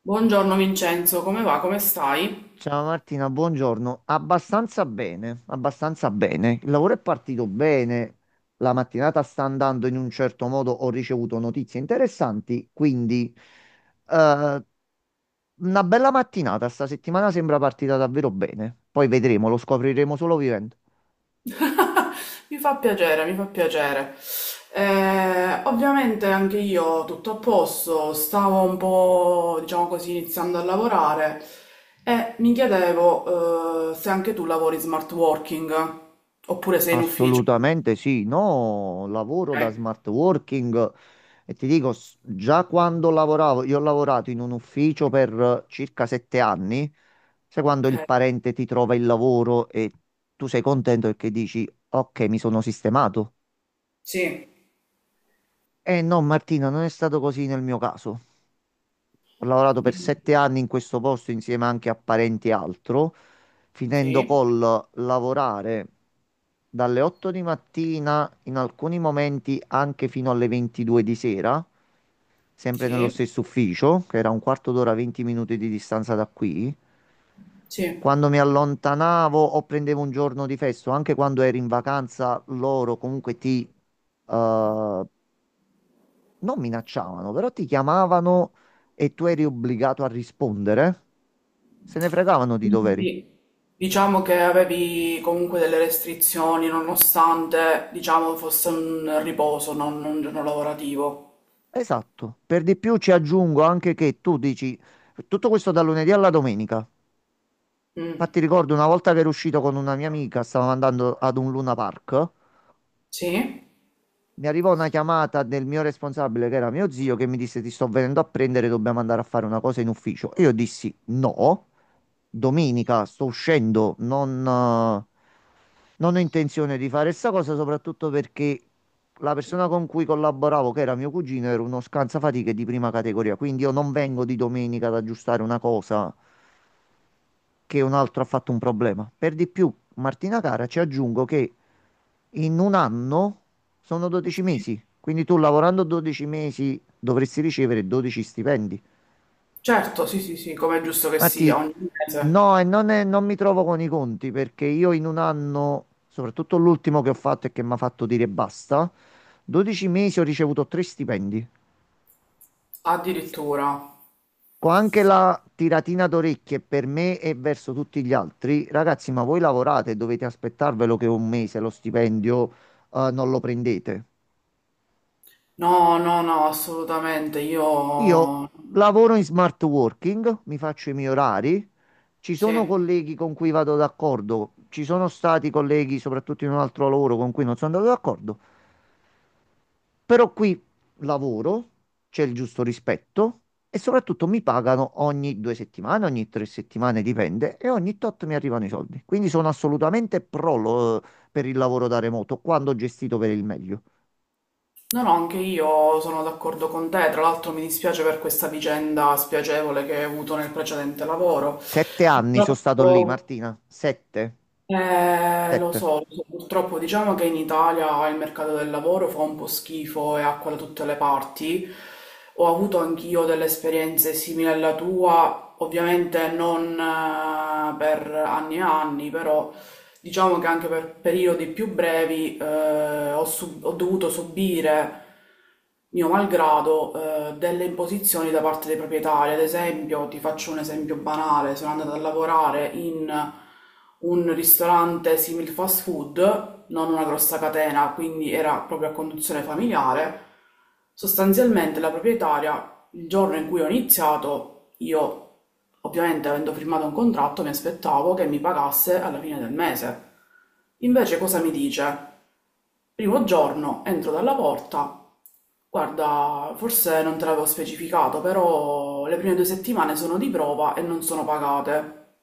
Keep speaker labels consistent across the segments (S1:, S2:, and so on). S1: Buongiorno Vincenzo, come va? Come stai?
S2: Ciao Martina, buongiorno. Abbastanza bene, abbastanza bene. Il lavoro è partito bene, la mattinata sta andando in un certo modo, ho ricevuto notizie interessanti, quindi eh, una bella mattinata. Sta settimana sembra partita davvero bene. Poi vedremo, lo scopriremo solo vivendo.
S1: Mi fa piacere, mi fa piacere. Ovviamente anche io tutto a posto, stavo un po', diciamo così, iniziando a lavorare e mi chiedevo, se anche tu lavori smart working oppure sei in ufficio.
S2: Assolutamente sì, no, lavoro
S1: Ok,
S2: da smart working. E ti dico, già quando lavoravo, io ho lavorato in un ufficio per circa 7 anni, sai quando
S1: ok.
S2: il parente ti trova il lavoro e tu sei contento perché dici, ok, mi sono sistemato.
S1: Sì,
S2: Eh no, Martina, non è stato così nel mio caso. Ho lavorato per 7 anni in questo posto insieme anche a parenti e altro, finendo
S1: sì,
S2: col lavorare dalle 8 di mattina, in alcuni momenti anche fino alle 22 di sera, sempre nello
S1: sì,
S2: stesso ufficio, che era un quarto d'ora, 20 minuti di distanza da qui.
S1: sì.
S2: Quando mi allontanavo o prendevo un giorno di festo, anche quando ero in vacanza, loro comunque ti eh, non minacciavano, però ti chiamavano e tu eri obbligato a rispondere, se ne fregavano di doveri.
S1: Quindi diciamo che avevi comunque delle restrizioni nonostante diciamo fosse un riposo, non un giorno lavorativo.
S2: Esatto. Per di più ci aggiungo anche che tu dici tutto questo da lunedì alla domenica.
S1: Mm.
S2: Infatti ricordo una volta che ero uscito con una mia amica, stavamo andando ad un Luna Park,
S1: Sì?
S2: mi arrivò una chiamata del mio responsabile, che era mio zio, che mi disse ti sto venendo a prendere, dobbiamo andare a fare una cosa in ufficio. E io dissi no, domenica sto uscendo, non ho intenzione di fare sta cosa, soprattutto perché la persona con cui collaboravo, che era mio cugino, era uno scansafatiche di prima categoria. Quindi io non vengo di domenica ad aggiustare una cosa che un altro ha fatto un problema. Per di più, Martina cara, ci aggiungo che in un anno sono 12
S1: Sì.
S2: mesi. Quindi tu lavorando 12 mesi dovresti ricevere 12 stipendi.
S1: Certo, sì, sì, sì, come è giusto che
S2: Matti,
S1: sia, ogni mese.
S2: no, non mi trovo con i conti perché io in un anno, soprattutto l'ultimo che ho fatto e che mi ha fatto dire basta, 12 mesi ho ricevuto 3 stipendi.
S1: Addirittura.
S2: Con anche la tiratina d'orecchie per me e verso tutti gli altri, ragazzi, ma voi lavorate e dovete aspettarvelo che un mese lo stipendio, non lo prendete.
S1: No, no, no, assolutamente,
S2: Io
S1: io.
S2: lavoro in smart working, mi faccio i miei orari, ci
S1: Sì.
S2: sono colleghi con cui vado d'accordo, ci sono stati colleghi, soprattutto in un altro lavoro, con cui non sono andato d'accordo, però qui lavoro, c'è il giusto rispetto e soprattutto mi pagano ogni 2 settimane, ogni 3 settimane, dipende, e ogni tot mi arrivano i soldi. Quindi sono assolutamente pro per il lavoro da remoto, quando gestito per il meglio.
S1: No, no, anche io sono d'accordo con te. Tra l'altro mi dispiace per questa vicenda spiacevole che hai avuto nel precedente lavoro.
S2: 7 anni sono stato lì,
S1: Purtroppo.
S2: Martina, sette,
S1: Lo
S2: sette.
S1: so, lo so. Purtroppo diciamo che in Italia il mercato del lavoro fa un po' schifo e acqua da tutte le parti. Ho avuto anch'io delle esperienze simili alla tua, ovviamente non per anni e anni, però. Diciamo che anche per periodi più brevi ho dovuto subire, mio malgrado, delle imposizioni da parte dei proprietari. Ad esempio, ti faccio un esempio banale, sono andata a lavorare in un ristorante simil fast food, non una grossa catena, quindi era proprio a conduzione familiare. Sostanzialmente la proprietaria, il giorno in cui ho iniziato, io ovviamente avendo firmato un contratto mi aspettavo che mi pagasse alla fine del mese. Invece cosa mi dice? Primo giorno entro dalla porta, guarda, forse non te l'avevo specificato, però le prime due settimane sono di prova e non sono pagate.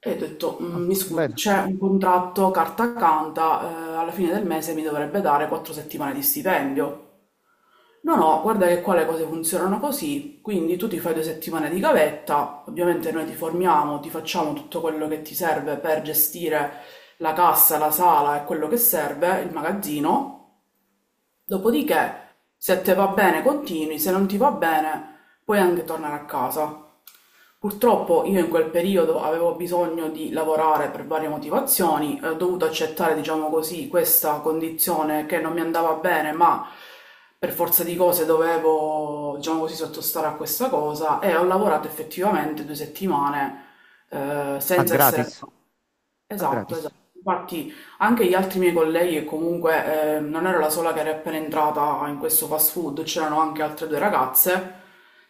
S1: E ho detto,
S2: Ah,
S1: "Mm, mi scusi,
S2: bene.
S1: c'è un contratto carta canta, alla fine del mese mi dovrebbe dare quattro settimane di stipendio." No, no, guarda che qua le cose funzionano così, quindi tu ti fai due settimane di gavetta, ovviamente noi ti formiamo, ti facciamo tutto quello che ti serve per gestire la cassa, la sala e quello che serve, il magazzino, dopodiché se te va bene continui, se non ti va bene puoi anche tornare a casa. Purtroppo io in quel periodo avevo bisogno di lavorare per varie motivazioni, ho dovuto accettare, diciamo così, questa condizione che non mi andava bene, ma per forza di cose dovevo, diciamo così, sottostare a questa cosa e ho lavorato effettivamente due settimane,
S2: A
S1: senza
S2: gratis,
S1: essere.
S2: a
S1: Esatto,
S2: gratis.
S1: esatto. Infatti anche gli altri miei colleghi, e comunque non ero la sola che era appena entrata in questo fast food, c'erano anche altre due ragazze,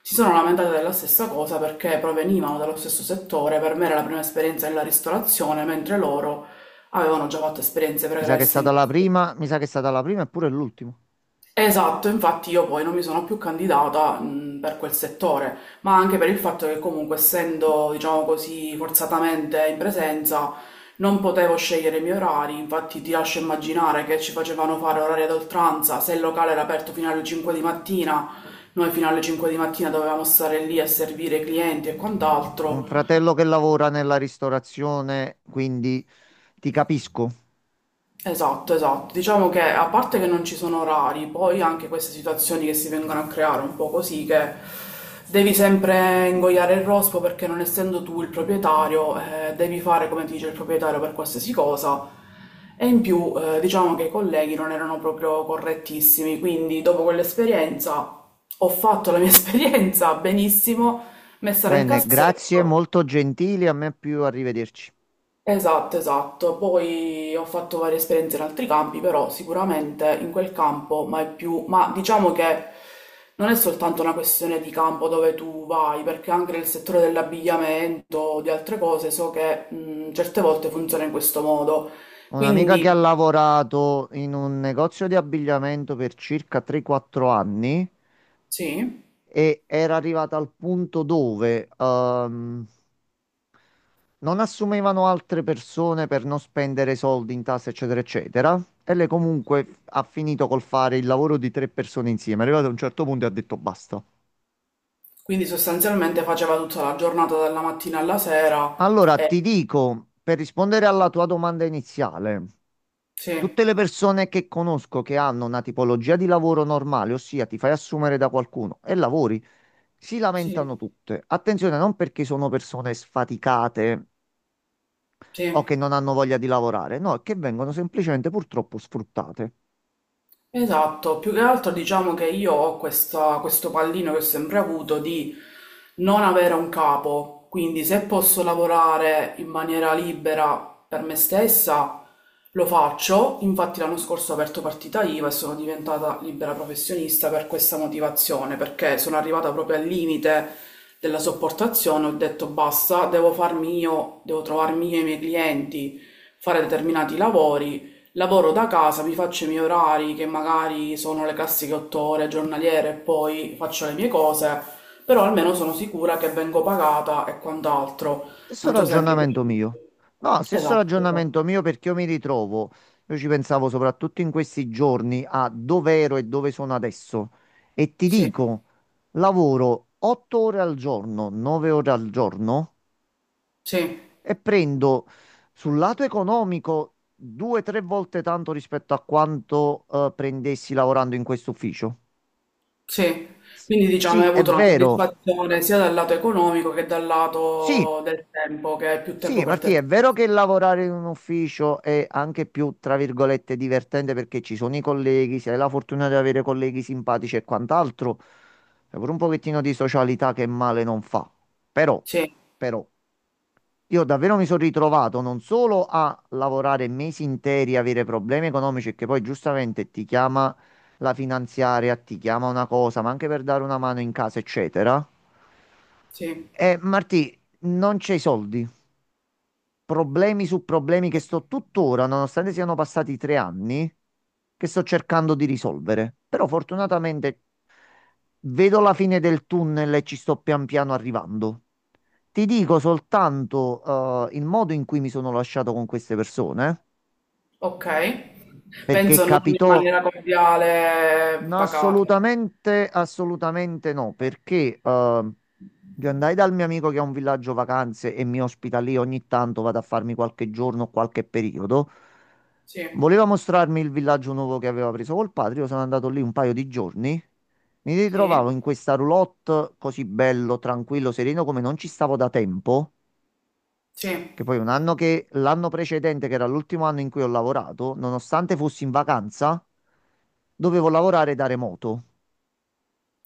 S1: si sono lamentate della stessa cosa perché provenivano dallo stesso settore, per me era la prima esperienza nella ristorazione, mentre loro avevano già fatto esperienze
S2: Mi sa che è
S1: pregresse in
S2: stata la
S1: questo.
S2: prima, mi sa che è stata la prima e pure l'ultima.
S1: Esatto, infatti io poi non mi sono più candidata, per quel settore, ma anche per il fatto che comunque essendo, diciamo così, forzatamente in presenza, non potevo scegliere i miei orari, infatti ti lascio immaginare che ci facevano fare orari ad oltranza, se il locale era aperto fino alle 5 di mattina, noi fino alle 5 di mattina dovevamo stare lì a servire i clienti e
S2: Ho un
S1: quant'altro.
S2: fratello che lavora nella ristorazione, quindi ti capisco.
S1: Esatto, esatto. Diciamo che a parte che non ci sono orari, poi anche queste situazioni che si vengono a creare un po' così, che devi sempre ingoiare il rospo perché non essendo tu il proprietario, devi fare come ti dice il proprietario per qualsiasi cosa. E in più, diciamo che i colleghi non erano proprio correttissimi, quindi dopo quell'esperienza ho fatto la mia esperienza benissimo, messa nel
S2: Bene, grazie,
S1: cassetto.
S2: molto gentili, a me più arrivederci.
S1: Esatto, esatto. Poi ho fatto varie esperienze in altri campi, però sicuramente in quel campo, ma è più, ma diciamo che non è soltanto una questione di campo dove tu vai, perché anche nel settore dell'abbigliamento, di altre cose, so che certe volte funziona in questo modo.
S2: Ho un'amica che ha
S1: Quindi,
S2: lavorato in un negozio di abbigliamento per circa 3-4 anni
S1: sì,
S2: e era arrivata al punto dove non assumevano altre persone per non spendere soldi in tasse, eccetera, eccetera. E lei comunque ha finito col fare il lavoro di tre persone insieme. È arrivato a un certo punto e ha detto basta.
S1: quindi sostanzialmente faceva tutta la giornata dalla mattina alla sera
S2: Allora, ti
S1: e.
S2: dico, per rispondere alla tua domanda iniziale,
S1: Sì,
S2: tutte le persone che conosco che hanno una tipologia di lavoro normale, ossia ti fai assumere da qualcuno e lavori, si
S1: sì,
S2: lamentano tutte. Attenzione, non perché sono persone sfaticate o
S1: sì.
S2: che non hanno voglia di lavorare, no, è che vengono semplicemente purtroppo sfruttate.
S1: Esatto, più che altro diciamo che io ho questo pallino che ho sempre avuto di non avere un capo, quindi se posso lavorare in maniera libera per me stessa lo faccio, infatti l'anno scorso ho aperto partita IVA e sono diventata libera professionista per questa motivazione, perché sono arrivata proprio al limite della sopportazione, ho detto basta, devo farmi io, devo trovarmi io i miei clienti, fare determinati lavori. Lavoro da casa, mi faccio i miei orari che magari sono le classiche otto ore giornaliere e poi faccio le mie cose, però almeno sono sicura che vengo pagata e quant'altro.
S2: Stesso
S1: Non so se anche tu.
S2: ragionamento mio. No, stesso
S1: Esatto,
S2: ragionamento
S1: esatto.
S2: mio perché io mi ritrovo, io ci pensavo soprattutto in questi giorni a dove ero e dove sono adesso e ti
S1: Sì,
S2: dico, lavoro 8 ore al giorno, 9 ore al giorno
S1: sì,
S2: e prendo sul lato economico due tre volte tanto rispetto a quanto prendessi lavorando in questo ufficio.
S1: sì.
S2: S-
S1: Quindi diciamo
S2: Sì,
S1: hai
S2: è
S1: avuto una
S2: vero.
S1: soddisfazione sia dal lato economico che dal
S2: Sì,
S1: lato del tempo, che è più tempo
S2: Sì,
S1: per te
S2: Martì, è vero
S1: stesso.
S2: che lavorare in un ufficio è anche più, tra virgolette, divertente perché ci sono i colleghi, se hai la fortuna di avere colleghi simpatici e quant'altro, è pure un pochettino di socialità che male non fa. Però,
S1: Sì,
S2: però, io davvero mi sono ritrovato non solo a lavorare mesi interi, avere problemi economici, che poi giustamente ti chiama la finanziaria, ti chiama una cosa, ma anche per dare una mano in casa, eccetera.
S1: sì,
S2: E Martì, non c'è i soldi, problemi su problemi che
S1: sì.
S2: sto tuttora, nonostante siano passati 3 anni, che sto cercando di risolvere. Però fortunatamente vedo la fine del tunnel e ci sto pian piano arrivando. Ti dico soltanto, il modo in cui mi sono lasciato con queste persone,
S1: Ok.
S2: perché
S1: Penso non in
S2: capitò.
S1: maniera cordiale
S2: No,
S1: pagata.
S2: assolutamente, assolutamente no, perché io andai dal mio amico che ha un villaggio vacanze e mi ospita lì ogni tanto, vado a farmi qualche giorno, o qualche periodo.
S1: Sì.
S2: Voleva mostrarmi il villaggio nuovo che aveva preso col padre, io sono andato lì un paio di giorni, mi
S1: Sì,
S2: ritrovavo in questa roulotte così bello, tranquillo, sereno come non ci stavo da tempo,
S1: sì.
S2: che poi un anno che l'anno precedente, che era l'ultimo anno in cui ho lavorato, nonostante fossi in vacanza, dovevo lavorare da remoto.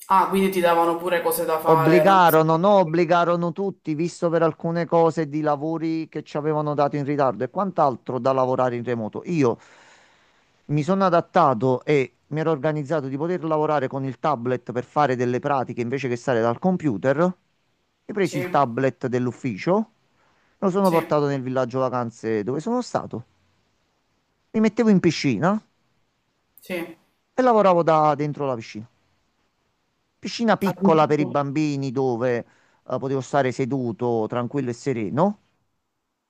S1: Ah, quindi ti davano pure cose da fare,
S2: Obbligarono,
S1: nonostante.
S2: no, obbligarono tutti, visto per alcune cose di lavori che ci avevano dato in ritardo e quant'altro da lavorare in remoto. Io mi sono adattato e mi ero organizzato di poter lavorare con il tablet per fare delle pratiche invece che stare dal computer. Ho preso
S1: Sì,
S2: il tablet dell'ufficio, lo sono
S1: sì,
S2: portato nel villaggio vacanze dove sono stato. Mi mettevo in piscina
S1: sì.
S2: e lavoravo da dentro la piscina. Piscina piccola per i
S1: Addirittura.
S2: bambini dove potevo stare seduto, tranquillo e sereno.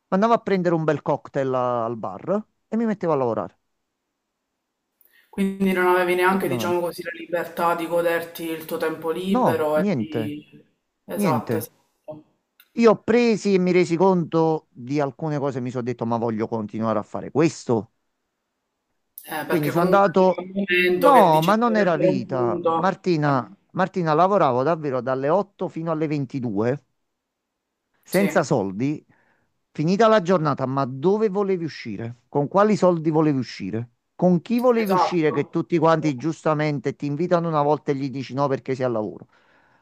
S2: Andavo a prendere un bel cocktail al bar e mi mettevo a lavorare,
S1: Quindi non avevi neanche, diciamo
S2: tranquillamente.
S1: così, la libertà di goderti il tuo tempo
S2: No,
S1: libero e
S2: niente,
S1: di. Esatto,
S2: niente.
S1: esatto.
S2: Io ho presi e mi resi conto di alcune cose, mi sono detto, ma voglio continuare a fare questo. Quindi
S1: Perché
S2: sono
S1: comunque arriva
S2: andato...
S1: un momento che
S2: No,
S1: dici
S2: ma non era
S1: sarebbe un
S2: vita.
S1: punto.
S2: Martina,
S1: Eh,
S2: Martina, lavoravo davvero dalle 8 fino alle 22. Senza
S1: Sì,
S2: soldi, finita la giornata, ma dove volevi uscire? Con quali soldi volevi uscire? Con chi volevi uscire
S1: esatto.
S2: che tutti quanti giustamente ti invitano una volta e gli dici no perché sei al lavoro?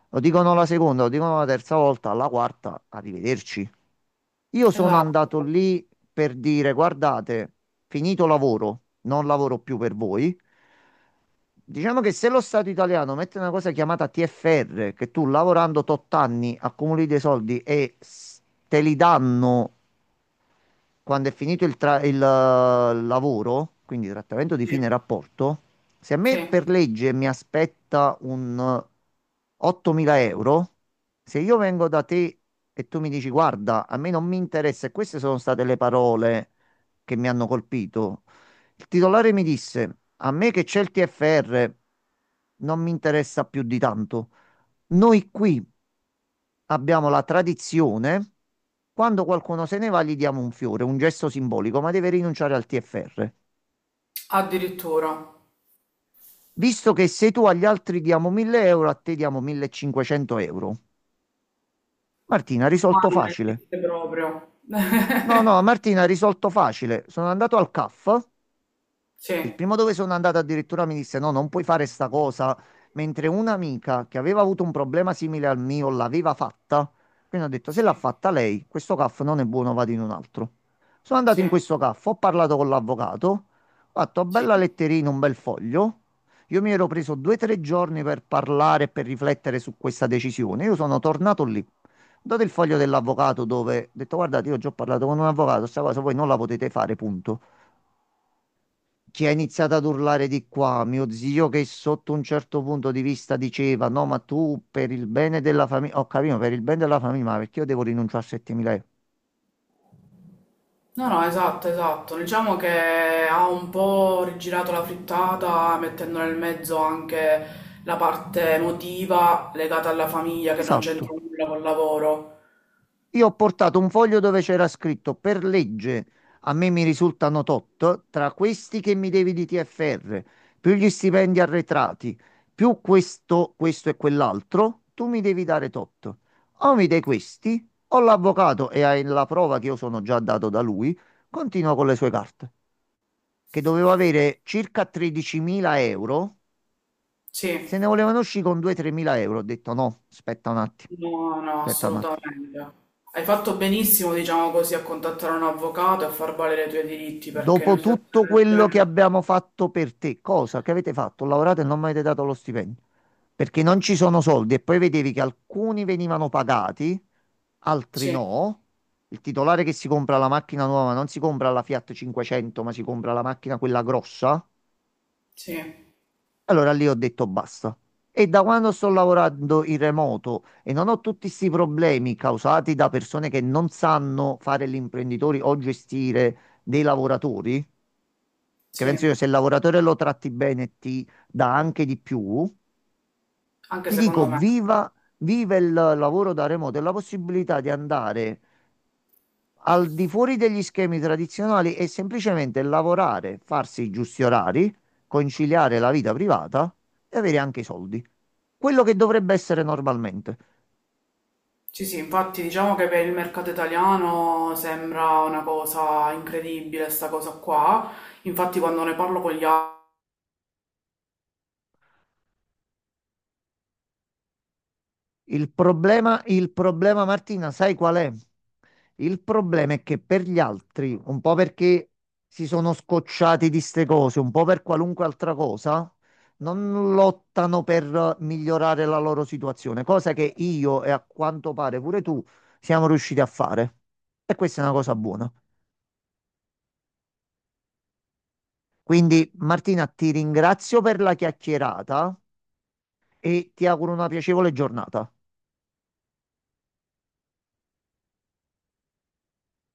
S2: Lo dicono la seconda, lo dicono la terza volta, alla quarta, arrivederci. Io sono
S1: Esatto,
S2: andato lì per dire, guardate, finito lavoro, non lavoro più per voi. Diciamo che se lo Stato italiano mette una cosa chiamata TFR, che tu lavorando tot anni accumuli dei soldi e te li danno quando è finito il lavoro, quindi trattamento di fine
S1: sì,
S2: rapporto, se a me
S1: sì.
S2: per legge mi aspetta un 8.000 euro, se io vengo da te e tu mi dici guarda, a me non mi interessa, e queste sono state le parole che mi hanno colpito, il titolare mi disse a me che c'è il TFR non mi interessa più di tanto. Noi qui abbiamo la tradizione, quando qualcuno se ne va gli diamo un fiore, un gesto simbolico, ma deve rinunciare al TFR.
S1: Addirittura.
S2: Visto che se tu agli altri diamo 1000 euro, a te diamo 1500 euro. Martina,
S1: Ma
S2: risolto
S1: non
S2: facile.
S1: esiste proprio.
S2: No, no, Martina, risolto facile. Sono andato al CAF.
S1: Sì,
S2: Il primo dove sono andato addirittura mi disse: No, non puoi fare sta cosa. Mentre un'amica che aveva avuto un problema simile al mio l'aveva fatta. Quindi ho detto: Se
S1: sì,
S2: l'ha fatta lei, questo CAF non è buono, vado in un altro. Sono andato in
S1: sì.
S2: questo CAF, ho parlato con l'avvocato, ho fatto bella
S1: Sì.
S2: letterina, un bel foglio. Io mi ero preso due o tre giorni per parlare e per riflettere su questa decisione. Io sono tornato lì. Ho dato il foglio dell'avvocato dove ho detto: Guardate, io già ho parlato con un avvocato, questa cosa voi non la potete fare, punto. Chi ha iniziato ad urlare di qua, mio zio che sotto un certo punto di vista diceva no, ma tu per il bene della famiglia, ho capito, "No, per il bene della famiglia, ma perché io devo rinunciare a 7.000 euro?"
S1: No, no, esatto, esatto. Diciamo che ha un po' rigirato la frittata, mettendo nel mezzo anche la parte emotiva legata alla famiglia che non c'entra
S2: Esatto,
S1: nulla col lavoro.
S2: io ho portato un foglio dove c'era scritto per legge a me mi risultano tot, tra questi che mi devi di TFR, più gli stipendi arretrati, più questo, questo e quell'altro, tu mi devi dare tot. O mi dai questi, o l'avvocato e hai la prova che io sono già dato da lui, continua con le sue carte, che dovevo avere circa 13.000 euro,
S1: Sì,
S2: se ne volevano uscire con 2-3.000 euro, ho detto no, aspetta un attimo,
S1: no, no,
S2: aspetta un attimo.
S1: assolutamente. Hai fatto benissimo, diciamo così, a contattare un avvocato e a far valere i tuoi diritti, perché in una
S2: Dopo tutto
S1: situazione del
S2: quello che
S1: genere.
S2: abbiamo fatto per te, cosa che avete fatto? Lavorate e non mi avete dato lo stipendio. Perché non ci sono soldi e poi vedevi che alcuni venivano pagati, altri
S1: Sì,
S2: no. Il titolare che si compra la macchina nuova non si compra la Fiat 500, ma si compra la macchina quella grossa.
S1: sì,
S2: Allora lì ho detto basta. E da quando sto lavorando in remoto e non ho tutti questi problemi causati da persone che non sanno fare gli imprenditori o gestire dei lavoratori, che penso io
S1: sì,
S2: se il lavoratore lo tratti bene e ti dà anche di più,
S1: anche
S2: ti dico
S1: secondo me.
S2: viva, viva il lavoro da remoto e la possibilità di andare al di fuori degli schemi tradizionali e semplicemente lavorare, farsi i giusti orari, conciliare la vita privata e avere anche i soldi. Quello che dovrebbe essere normalmente.
S1: Sì, sì, infatti diciamo che per il mercato italiano sembra una cosa incredibile sta cosa qua, infatti quando ne parlo con gli altri
S2: Il problema, Martina, sai qual è? Il problema è che per gli altri, un po' perché si sono scocciati di ste cose, un po' per qualunque altra cosa, non lottano per migliorare la loro situazione, cosa che io e a quanto pare pure tu siamo riusciti a fare. E questa è una cosa buona. Quindi, Martina, ti ringrazio per la chiacchierata e ti auguro una piacevole giornata.